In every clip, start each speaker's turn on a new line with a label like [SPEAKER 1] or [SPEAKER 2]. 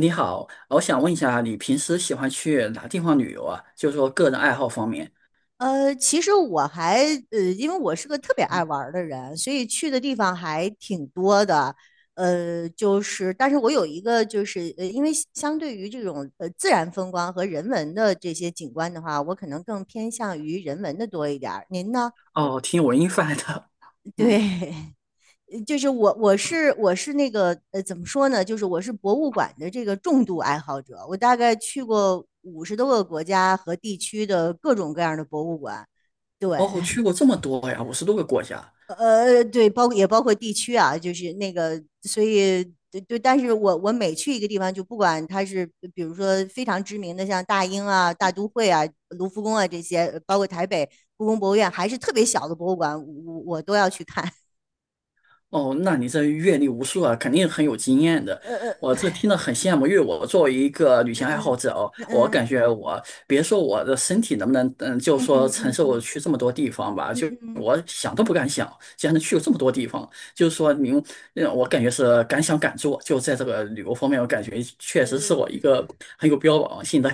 [SPEAKER 1] 你好，我想问一下，你平时喜欢去哪地方旅游啊？就是说个人爱好方面。
[SPEAKER 2] 其实我还因为我是个特别爱玩儿的人，所以去的地方还挺多的。就是，但是我有一个，就是因为相对于这种自然风光和人文的这些景观的话，我可能更偏向于人文的多一点儿。您呢？
[SPEAKER 1] 哦，听文艺范的，嗯，
[SPEAKER 2] 对。就是我，我是我是那个怎么说呢？就是我是博物馆的这个重度爱好者，我大概去过50多个国家和地区的各种各样的博物馆。对。
[SPEAKER 1] 哦，去过这么多呀，50多个国家。
[SPEAKER 2] 对，包括也包括地区啊，就是那个，所以对对，但是我每去一个地方，就不管它是比如说非常知名的，像大英啊、大都会啊、卢浮宫啊这些，包括台北故宫博物院，还是特别小的博物馆，我都要去看。
[SPEAKER 1] 哦，那你这阅历无数啊，肯定很有经验的。
[SPEAKER 2] 呃
[SPEAKER 1] 我
[SPEAKER 2] 呃
[SPEAKER 1] 这听了很羡慕，因为我作为一个旅行爱好
[SPEAKER 2] 嗯
[SPEAKER 1] 者哦，我
[SPEAKER 2] 嗯
[SPEAKER 1] 感觉我别说我的身体能不能，嗯，就
[SPEAKER 2] 嗯嗯
[SPEAKER 1] 说
[SPEAKER 2] 嗯
[SPEAKER 1] 承
[SPEAKER 2] 嗯
[SPEAKER 1] 受
[SPEAKER 2] 嗯
[SPEAKER 1] 去这么多地方吧，
[SPEAKER 2] 嗯
[SPEAKER 1] 就
[SPEAKER 2] 嗯嗯，
[SPEAKER 1] 我想都不敢想，竟然能去过这么多地方。就是说您，嗯，我感觉是敢想敢做，就在这个旅游方面，我感觉确实是我一
[SPEAKER 2] 呃
[SPEAKER 1] 个很有标榜性的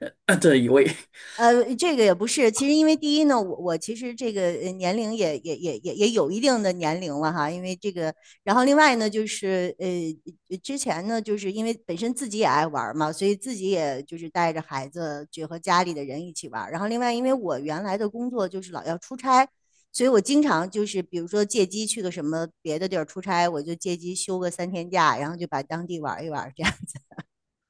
[SPEAKER 1] 的一位。
[SPEAKER 2] 这个也不是，其实因为第一呢，我其实这个年龄也有一定的年龄了哈，因为这个，然后另外呢，就是之前呢，就是因为本身自己也爱玩嘛，所以自己也就是带着孩子就和家里的人一起玩，然后另外因为我原来的工作就是老要出差，所以我经常就是比如说借机去个什么别的地儿出差，我就借机休个3天假，然后就把当地玩一玩这样。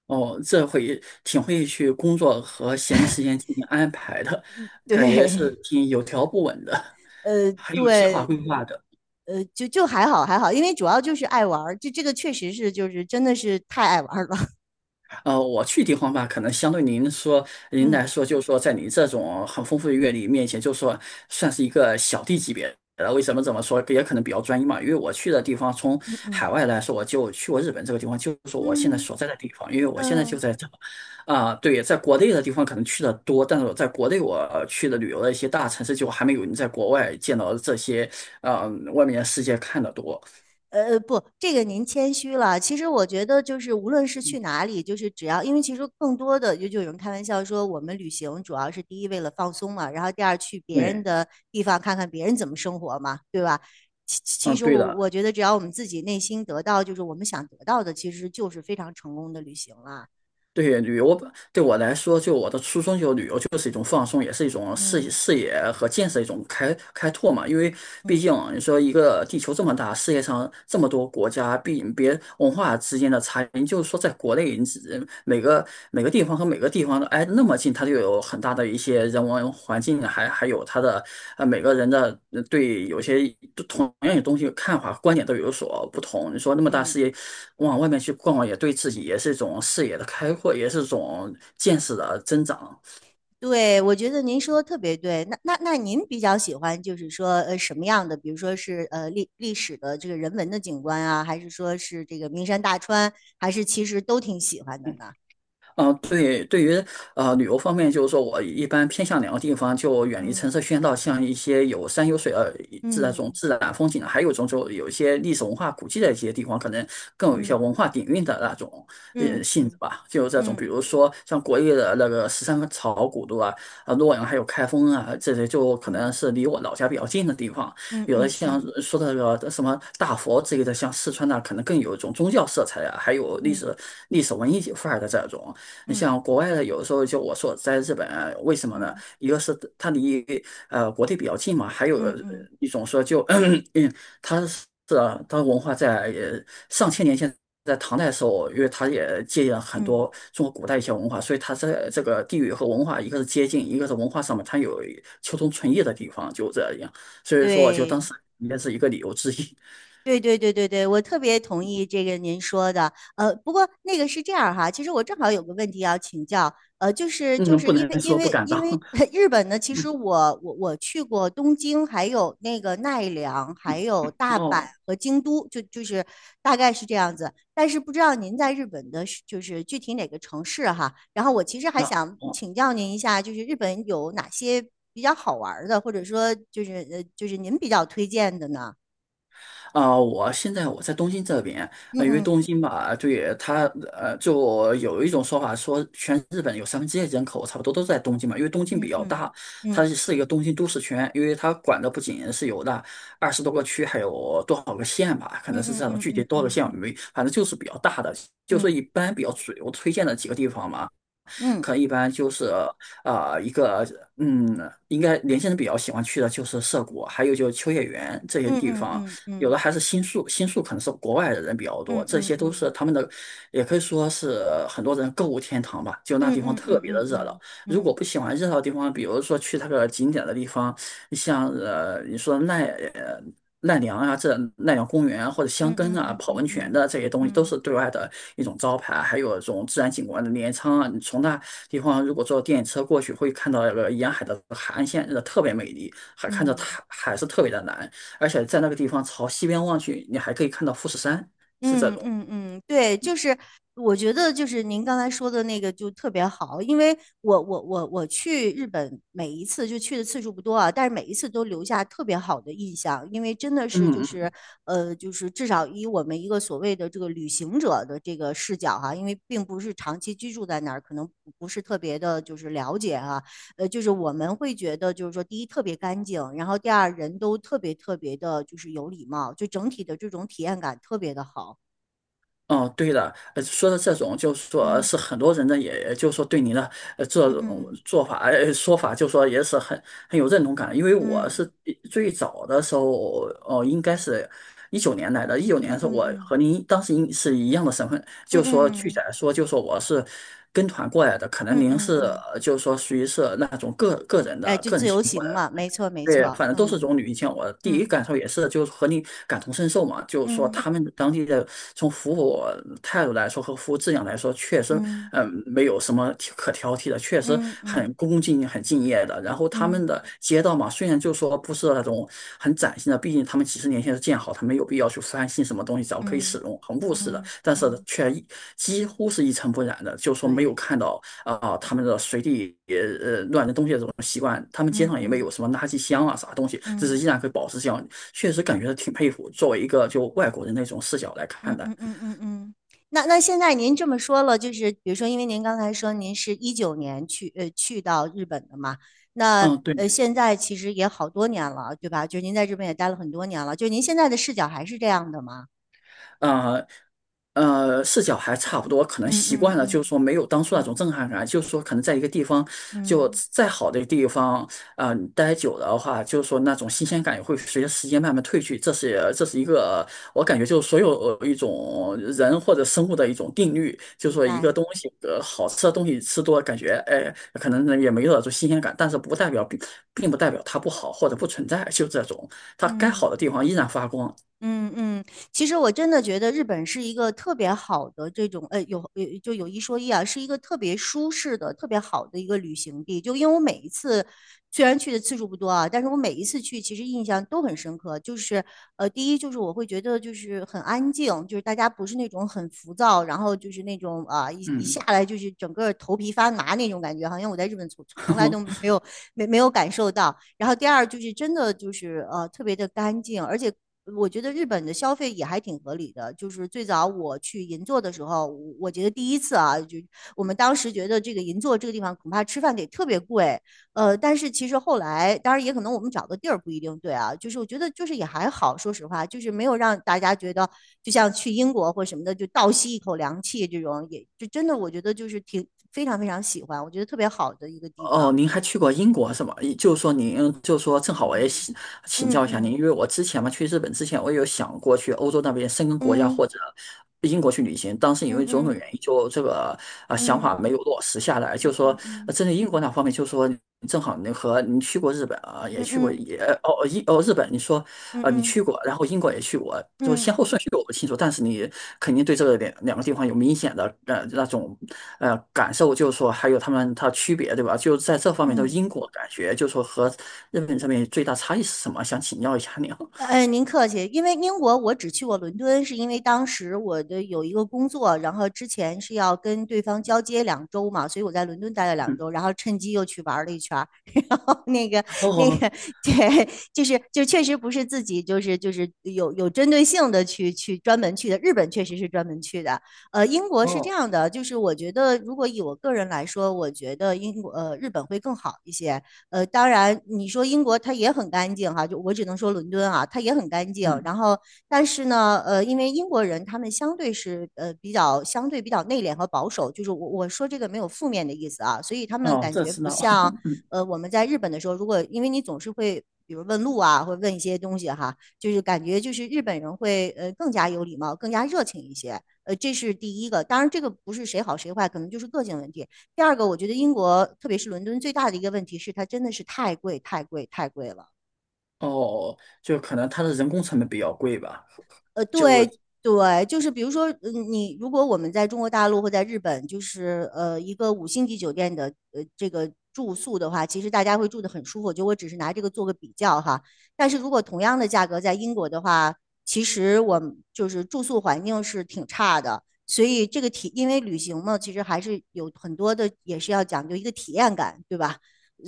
[SPEAKER 1] 哦，这会挺会去工作和闲余时间进行安排的，感觉
[SPEAKER 2] 对。
[SPEAKER 1] 是挺有条不紊的，很有计划
[SPEAKER 2] 对，
[SPEAKER 1] 规划的。
[SPEAKER 2] 就还好还好，因为主要就是爱玩儿，就这个确实是就是真的是太爱玩儿了。
[SPEAKER 1] 我去地方吧，可能相对您说您
[SPEAKER 2] 嗯
[SPEAKER 1] 来说，就是说在你这种很丰富的阅历面前，就是说算是一个小弟级别的。为什么这么说？也可能比较专一嘛。因为我去的地方，从
[SPEAKER 2] 嗯
[SPEAKER 1] 海
[SPEAKER 2] 嗯
[SPEAKER 1] 外来说，我就去过日本这个地方，就是我现在
[SPEAKER 2] 嗯
[SPEAKER 1] 所在的地方。因为我现在就
[SPEAKER 2] 嗯。
[SPEAKER 1] 在这，啊、对，在国内的地方可能去的多，但是我在国内我去的旅游的一些大城市，就还没有你在国外见到这些，外面的世界看的多。
[SPEAKER 2] 不，这个您谦虚了。其实我觉得就是无论是去
[SPEAKER 1] 嗯，
[SPEAKER 2] 哪里，就是只要因为其实更多的就有人开玩笑说，我们旅行主要是第一为了放松嘛，然后第二去别人
[SPEAKER 1] 对，
[SPEAKER 2] 的地方看看别人怎么生活嘛，对吧？其其
[SPEAKER 1] 嗯，
[SPEAKER 2] 实
[SPEAKER 1] 对
[SPEAKER 2] 我
[SPEAKER 1] 的。
[SPEAKER 2] 我觉得只要我们自己内心得到就是我们想得到的，其实就是非常成功的旅行了。
[SPEAKER 1] 对旅游对我来说，就我的初衷，就旅游就是一种放松，也是一种视
[SPEAKER 2] 嗯
[SPEAKER 1] 视野和见识的一种开拓嘛。因为毕
[SPEAKER 2] 嗯
[SPEAKER 1] 竟你说一个地球这么大，世界上这么多国家，毕别文化之间的差异，就是说在国内，你只每个地方和每个。每个地方的挨那么近，它就有很大的一些人文环境，还有它的每个人的对有些同样的东西看法观点都有所不同。你说那么大
[SPEAKER 2] 嗯。
[SPEAKER 1] 视野往外面去逛逛，也对自己也是一种视野的开阔，也是一种见识的增长。
[SPEAKER 2] 对，我觉得您说的特别对。那您比较喜欢就是说什么样的？比如说是历史的这个人文的景观啊，还是说是这个名山大川，还是其实都挺喜欢的呢？
[SPEAKER 1] 嗯，对，对于旅游方面，就是说我一般偏向两个地方，就远离
[SPEAKER 2] 嗯
[SPEAKER 1] 城市喧闹，像一些有山有水
[SPEAKER 2] 嗯
[SPEAKER 1] 自然风景的，还有一种就有一些历史文化古迹的一些地方，可能更有一些文
[SPEAKER 2] 嗯
[SPEAKER 1] 化底蕴的那种
[SPEAKER 2] 嗯
[SPEAKER 1] 性质
[SPEAKER 2] 嗯
[SPEAKER 1] 吧。就这种，比
[SPEAKER 2] 嗯
[SPEAKER 1] 如说像国内的那个十三朝古都啊、洛阳还有开封啊，这些就可能
[SPEAKER 2] 嗯
[SPEAKER 1] 是离我老家比较近的地方。
[SPEAKER 2] 嗯
[SPEAKER 1] 有的
[SPEAKER 2] 嗯
[SPEAKER 1] 像
[SPEAKER 2] 嗯
[SPEAKER 1] 说的那个什么大佛之类的，像四川那可能更有一种宗教色彩啊，还有历
[SPEAKER 2] 嗯
[SPEAKER 1] 史历史文艺范儿的这种。你
[SPEAKER 2] 嗯
[SPEAKER 1] 像国外的，有的时候就我说在日本啊为什么呢？
[SPEAKER 2] 嗯
[SPEAKER 1] 一个是它离国内比较近嘛，还有
[SPEAKER 2] 嗯嗯，
[SPEAKER 1] 一种说就 嗯，它是啊它文化在上千年前。在唐代的时候，因为它也借鉴了很
[SPEAKER 2] 嗯
[SPEAKER 1] 多中国古代一些文化，所以它在这个地域和文化，一个是接近，一个是文化上面它有求同存异的地方，就这样。所以说，就当
[SPEAKER 2] 对。
[SPEAKER 1] 时也是一个理由之一。
[SPEAKER 2] 对对对对对，我特别同意这个您说的。不过那个是这样哈，其实我正好有个问题要请教。就 是就
[SPEAKER 1] 嗯，
[SPEAKER 2] 是
[SPEAKER 1] 不
[SPEAKER 2] 因为
[SPEAKER 1] 能
[SPEAKER 2] 因
[SPEAKER 1] 说不
[SPEAKER 2] 为
[SPEAKER 1] 敢
[SPEAKER 2] 因
[SPEAKER 1] 当。
[SPEAKER 2] 为 日本呢，其实
[SPEAKER 1] 嗯
[SPEAKER 2] 我去过东京，还有那个奈良，还
[SPEAKER 1] 嗯，
[SPEAKER 2] 有大阪
[SPEAKER 1] 哦，
[SPEAKER 2] 和京都，就是大概是这样子。但是不知道您在日本的是就是具体哪个城市哈。然后我其实还
[SPEAKER 1] 那
[SPEAKER 2] 想
[SPEAKER 1] 哦。
[SPEAKER 2] 请教您一下，就是日本有哪些比较好玩儿的，或者说就是就是您比较推荐的呢？
[SPEAKER 1] 啊、我现在我在东京这边，
[SPEAKER 2] 嗯
[SPEAKER 1] 因为
[SPEAKER 2] 嗯
[SPEAKER 1] 东京吧，对它，就有一种说法说，全日本有1/3人口差不多都在东京嘛，因为东京比
[SPEAKER 2] 嗯
[SPEAKER 1] 较
[SPEAKER 2] 嗯
[SPEAKER 1] 大，它
[SPEAKER 2] 嗯
[SPEAKER 1] 是一个东京都市圈，因为它管的不仅是有那20多个区，还有多少个县吧，可
[SPEAKER 2] 嗯
[SPEAKER 1] 能是这样的，
[SPEAKER 2] 嗯
[SPEAKER 1] 具体
[SPEAKER 2] 嗯
[SPEAKER 1] 多少个
[SPEAKER 2] 嗯
[SPEAKER 1] 县我没，反正就是比较大的，就说
[SPEAKER 2] 嗯
[SPEAKER 1] 一般比较主流推荐的几个地方嘛。
[SPEAKER 2] 嗯
[SPEAKER 1] 可能一般就是啊，一个嗯，应该年轻人比较喜欢去的就是涩谷，还有就是秋叶原这些地
[SPEAKER 2] 嗯
[SPEAKER 1] 方，
[SPEAKER 2] 嗯
[SPEAKER 1] 有
[SPEAKER 2] 嗯
[SPEAKER 1] 的还是新宿，新宿可能是国外的人比较多，
[SPEAKER 2] 嗯
[SPEAKER 1] 这
[SPEAKER 2] 嗯嗯
[SPEAKER 1] 些都是
[SPEAKER 2] 嗯
[SPEAKER 1] 他们的，也可以说是很多人购物天堂吧，就那
[SPEAKER 2] 嗯
[SPEAKER 1] 地方特别的热闹。
[SPEAKER 2] 嗯
[SPEAKER 1] 如果不喜欢热闹的地方，比如说去那个景点的地方，像你说奈良啊，这奈良公园啊，或者箱
[SPEAKER 2] 嗯
[SPEAKER 1] 根
[SPEAKER 2] 嗯
[SPEAKER 1] 啊、
[SPEAKER 2] 嗯嗯
[SPEAKER 1] 泡
[SPEAKER 2] 嗯嗯
[SPEAKER 1] 温泉
[SPEAKER 2] 嗯
[SPEAKER 1] 的这些东西，都
[SPEAKER 2] 嗯
[SPEAKER 1] 是对外的一种招牌，还有这种自然景观的镰仓啊，你从那地方如果坐电车过去，会看到那个沿海的海岸线，真的特别美丽，还看着
[SPEAKER 2] 嗯。
[SPEAKER 1] 海是特别的蓝，而且在那个地方朝西边望去，你还可以看到富士山，是这
[SPEAKER 2] 嗯
[SPEAKER 1] 种。
[SPEAKER 2] 嗯嗯，对，就是我觉得就是您刚才说的那个就特别好，因为我去日本每一次就去的次数不多啊，但是每一次都留下特别好的印象，因为真的
[SPEAKER 1] 嗯
[SPEAKER 2] 是就是
[SPEAKER 1] 嗯
[SPEAKER 2] 呃就是至少以我们一个所谓的这个旅行者的这个视角哈、因为并不是长期居住在那儿，可能不是特别的就是了解哈、就是我们会觉得就是说第一特别干净，然后第二人都特别特别的就是有礼貌，就整体的这种体验感特别的好。
[SPEAKER 1] 哦，对的，说的这种就是说
[SPEAKER 2] 嗯
[SPEAKER 1] 是很多人呢，也，就是说对你的这种
[SPEAKER 2] 嗯
[SPEAKER 1] 做法、说法，就说也是很有认同感。因为我
[SPEAKER 2] 嗯
[SPEAKER 1] 是最早的时候，哦、应该是一九年来的，一九
[SPEAKER 2] 嗯
[SPEAKER 1] 年是
[SPEAKER 2] 嗯
[SPEAKER 1] 我
[SPEAKER 2] 嗯
[SPEAKER 1] 和您当时应是一样的身份，
[SPEAKER 2] 嗯
[SPEAKER 1] 就说具体
[SPEAKER 2] 嗯
[SPEAKER 1] 来说，就说我是跟团过来的，可
[SPEAKER 2] 嗯
[SPEAKER 1] 能您
[SPEAKER 2] 嗯
[SPEAKER 1] 是
[SPEAKER 2] 嗯。
[SPEAKER 1] 就是说属于是那种
[SPEAKER 2] 哎，就
[SPEAKER 1] 个
[SPEAKER 2] 自
[SPEAKER 1] 人情
[SPEAKER 2] 由行
[SPEAKER 1] 况。
[SPEAKER 2] 嘛，没错没
[SPEAKER 1] 对，
[SPEAKER 2] 错。
[SPEAKER 1] 反正都
[SPEAKER 2] 嗯
[SPEAKER 1] 是种女行。千，我第一
[SPEAKER 2] 嗯
[SPEAKER 1] 感受也是，就是和你感同身受嘛，就是说
[SPEAKER 2] 嗯
[SPEAKER 1] 他们当地的从服务态度来说和服务质量来说，确实，
[SPEAKER 2] 嗯
[SPEAKER 1] 嗯，没有什么可挑剔的，确实
[SPEAKER 2] 嗯
[SPEAKER 1] 很
[SPEAKER 2] 嗯
[SPEAKER 1] 恭敬、很敬业的。然后他
[SPEAKER 2] 嗯
[SPEAKER 1] 们的街道嘛，虽然就说不是那种很崭新的，毕竟他们几十年前是建好，他没有必要去翻新什么东西，只要可以使
[SPEAKER 2] 嗯
[SPEAKER 1] 用，很务实的，
[SPEAKER 2] 嗯
[SPEAKER 1] 但是
[SPEAKER 2] 嗯，
[SPEAKER 1] 却几乎是一尘不染的，就说没有
[SPEAKER 2] 对，
[SPEAKER 1] 看到。啊、他们的随地乱扔东西的这种习惯，他们街
[SPEAKER 2] 嗯
[SPEAKER 1] 上也没
[SPEAKER 2] 嗯
[SPEAKER 1] 有什么垃圾箱啊啥东西，这是
[SPEAKER 2] 嗯
[SPEAKER 1] 依然可以保持这样，确实感觉挺佩服。作为一个就外国人那种视角来
[SPEAKER 2] 嗯
[SPEAKER 1] 看待，
[SPEAKER 2] 嗯嗯嗯嗯。那现在您这么说了，就是比如说，因为您刚才说您是19年去到日本的嘛，那
[SPEAKER 1] 嗯，对，
[SPEAKER 2] 现在其实也好多年了，对吧？就是您在日本也待了很多年了，就是您现在的视角还是这样的吗？
[SPEAKER 1] 啊，视角还差不多，可能
[SPEAKER 2] 嗯
[SPEAKER 1] 习
[SPEAKER 2] 嗯
[SPEAKER 1] 惯了，就是
[SPEAKER 2] 嗯
[SPEAKER 1] 说没有当初那种
[SPEAKER 2] 嗯
[SPEAKER 1] 震撼感，就是说可能在一个地方，就
[SPEAKER 2] 嗯。
[SPEAKER 1] 再好的地方，啊、你待久了的话，就是说那种新鲜感也会随着时间慢慢褪去，这是一个我感觉就是所有一种人或者生物的一种定律，就是
[SPEAKER 2] 明
[SPEAKER 1] 说一个
[SPEAKER 2] 白。
[SPEAKER 1] 东西，好吃的东西吃多了，感觉哎，可能也没有那种新鲜感，但是不代表并并不代表它不好或者不存在，就这种，它该
[SPEAKER 2] 嗯
[SPEAKER 1] 好的地方依
[SPEAKER 2] 嗯
[SPEAKER 1] 然发光，
[SPEAKER 2] 嗯嗯。其实我真的觉得日本是一个特别好的这种，有就有一说一啊，是一个特别舒适的、特别好的一个旅行地。就因为我每一次虽然去的次数不多啊，但是我每一次去其实印象都很深刻。就是第一就是我会觉得就是很安静，就是大家不是那种很浮躁，然后就是那种一一
[SPEAKER 1] 嗯。
[SPEAKER 2] 下来就是整个头皮发麻那种感觉，好像我在日本从来都 没有感受到。然后第二就是真的就是特别的干净，而且。我觉得日本的消费也还挺合理的，就是最早我去银座的时候，我觉得第一次啊，就我们当时觉得这个银座这个地方恐怕吃饭得特别贵，但是其实后来，当然也可能我们找的地儿不一定对啊，就是我觉得就是也还好，说实话，就是没有让大家觉得就像去英国或什么的就倒吸一口凉气这种，也就真的我觉得就是挺非常非常喜欢，我觉得特别好的一个地
[SPEAKER 1] 哦，
[SPEAKER 2] 方。
[SPEAKER 1] 您还去过英国是吗？也就是说您，就是说正好我也
[SPEAKER 2] 嗯
[SPEAKER 1] 请
[SPEAKER 2] 嗯
[SPEAKER 1] 教一下您，
[SPEAKER 2] 嗯
[SPEAKER 1] 因为我之前嘛去日本之前，我有想过去欧洲那边申根国家
[SPEAKER 2] 嗯
[SPEAKER 1] 或者英国去旅行，当时因
[SPEAKER 2] 嗯
[SPEAKER 1] 为种种
[SPEAKER 2] 嗯
[SPEAKER 1] 原因，就这个想
[SPEAKER 2] 嗯嗯
[SPEAKER 1] 法没有落实下来。就是说，
[SPEAKER 2] 嗯
[SPEAKER 1] 针对英国那方面，就是说。正好你去过日本啊，也
[SPEAKER 2] 嗯
[SPEAKER 1] 去过
[SPEAKER 2] 嗯
[SPEAKER 1] 也哦哦英哦日本，你说
[SPEAKER 2] 嗯嗯
[SPEAKER 1] 你
[SPEAKER 2] 嗯
[SPEAKER 1] 去过，然后英国也去过，就
[SPEAKER 2] 嗯
[SPEAKER 1] 先后
[SPEAKER 2] 嗯
[SPEAKER 1] 顺序我不清楚，但是你肯定对这个两个地方有明显的那种感受，就是说还有他们它区别对吧？就在这方面，就
[SPEAKER 2] 嗯。
[SPEAKER 1] 英国感觉就是说和日本这边最大差异是什么？想请教一下你啊
[SPEAKER 2] 您客气，因为英国我只去过伦敦，是因为当时我的有一个工作，然后之前是要跟对方交接两周嘛，所以我在伦敦待了两周，然后趁机又去玩了一圈儿，然后那个那个，对，就是就确实不是自己就是就是有针对性的去专门去的，日本确实是专门去的。英国
[SPEAKER 1] 嗯哦
[SPEAKER 2] 是这
[SPEAKER 1] 哦，
[SPEAKER 2] 样的，就是我觉得如果以我个人来说，我觉得英国日本会更好一些。当然你说英国它也很干净哈，就我只能说伦敦啊，它也很干净。
[SPEAKER 1] 嗯
[SPEAKER 2] 然后，但是呢，因为英国人他们相对是比较相对比较内敛和保守，就是我说这个没有负面的意思啊，所以他们
[SPEAKER 1] 哦
[SPEAKER 2] 感
[SPEAKER 1] 这
[SPEAKER 2] 觉
[SPEAKER 1] 知
[SPEAKER 2] 不
[SPEAKER 1] 道
[SPEAKER 2] 像 我们在日本的时候，如果因为你总是会。比如问路啊，或者问一些东西哈，就是感觉就是日本人会更加有礼貌，更加热情一些。这是第一个。当然，这个不是谁好谁坏，可能就是个性问题。第二个，我觉得英国，特别是伦敦，最大的一个问题是它真的是太贵，太贵，太贵了。
[SPEAKER 1] 哦，就可能它的人工成本比较贵吧？就
[SPEAKER 2] 对对，就是比如说，嗯，你如果我们在中国大陆或在日本，就是一个五星级酒店的这个住宿的话，其实大家会住得很舒服。就我只是拿这个做个比较哈。但是如果同样的价格在英国的话，其实我们就是住宿环境是挺差的。所以这个体，因为旅行嘛，其实还是有很多的，也是要讲究一个体验感，对吧？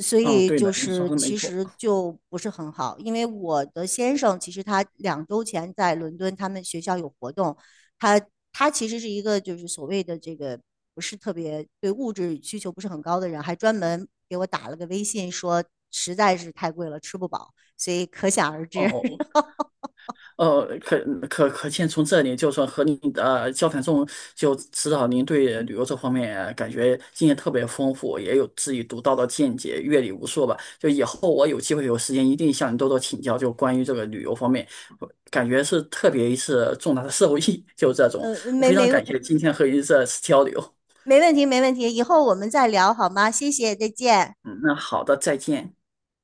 [SPEAKER 2] 所
[SPEAKER 1] 哦
[SPEAKER 2] 以
[SPEAKER 1] 对
[SPEAKER 2] 就
[SPEAKER 1] 的，你说
[SPEAKER 2] 是
[SPEAKER 1] 的没
[SPEAKER 2] 其
[SPEAKER 1] 错。
[SPEAKER 2] 实就不是很好，因为我的先生其实他2周前在伦敦，他们学校有活动，他他其实是一个就是所谓的这个不是特别对物质需求不是很高的人，还专门给我打了个微信说实在是太贵了，吃不饱，所以可想而知。
[SPEAKER 1] 哦 呃，可可见，从这里就说和您交谈中就知道您对旅游这方面感觉经验特别丰富，也有自己独到的见解，阅历无数吧。就以后我有机会有时间，一定向你多多请教，就关于这个旅游方面，感觉是特别一次重大的 受益，就这种，
[SPEAKER 2] 呃，没
[SPEAKER 1] 非常
[SPEAKER 2] 没
[SPEAKER 1] 感谢今天和您这次交流。
[SPEAKER 2] 没问题没问题，以后我们再聊好吗？谢谢，再见。
[SPEAKER 1] 嗯，那好的，再见。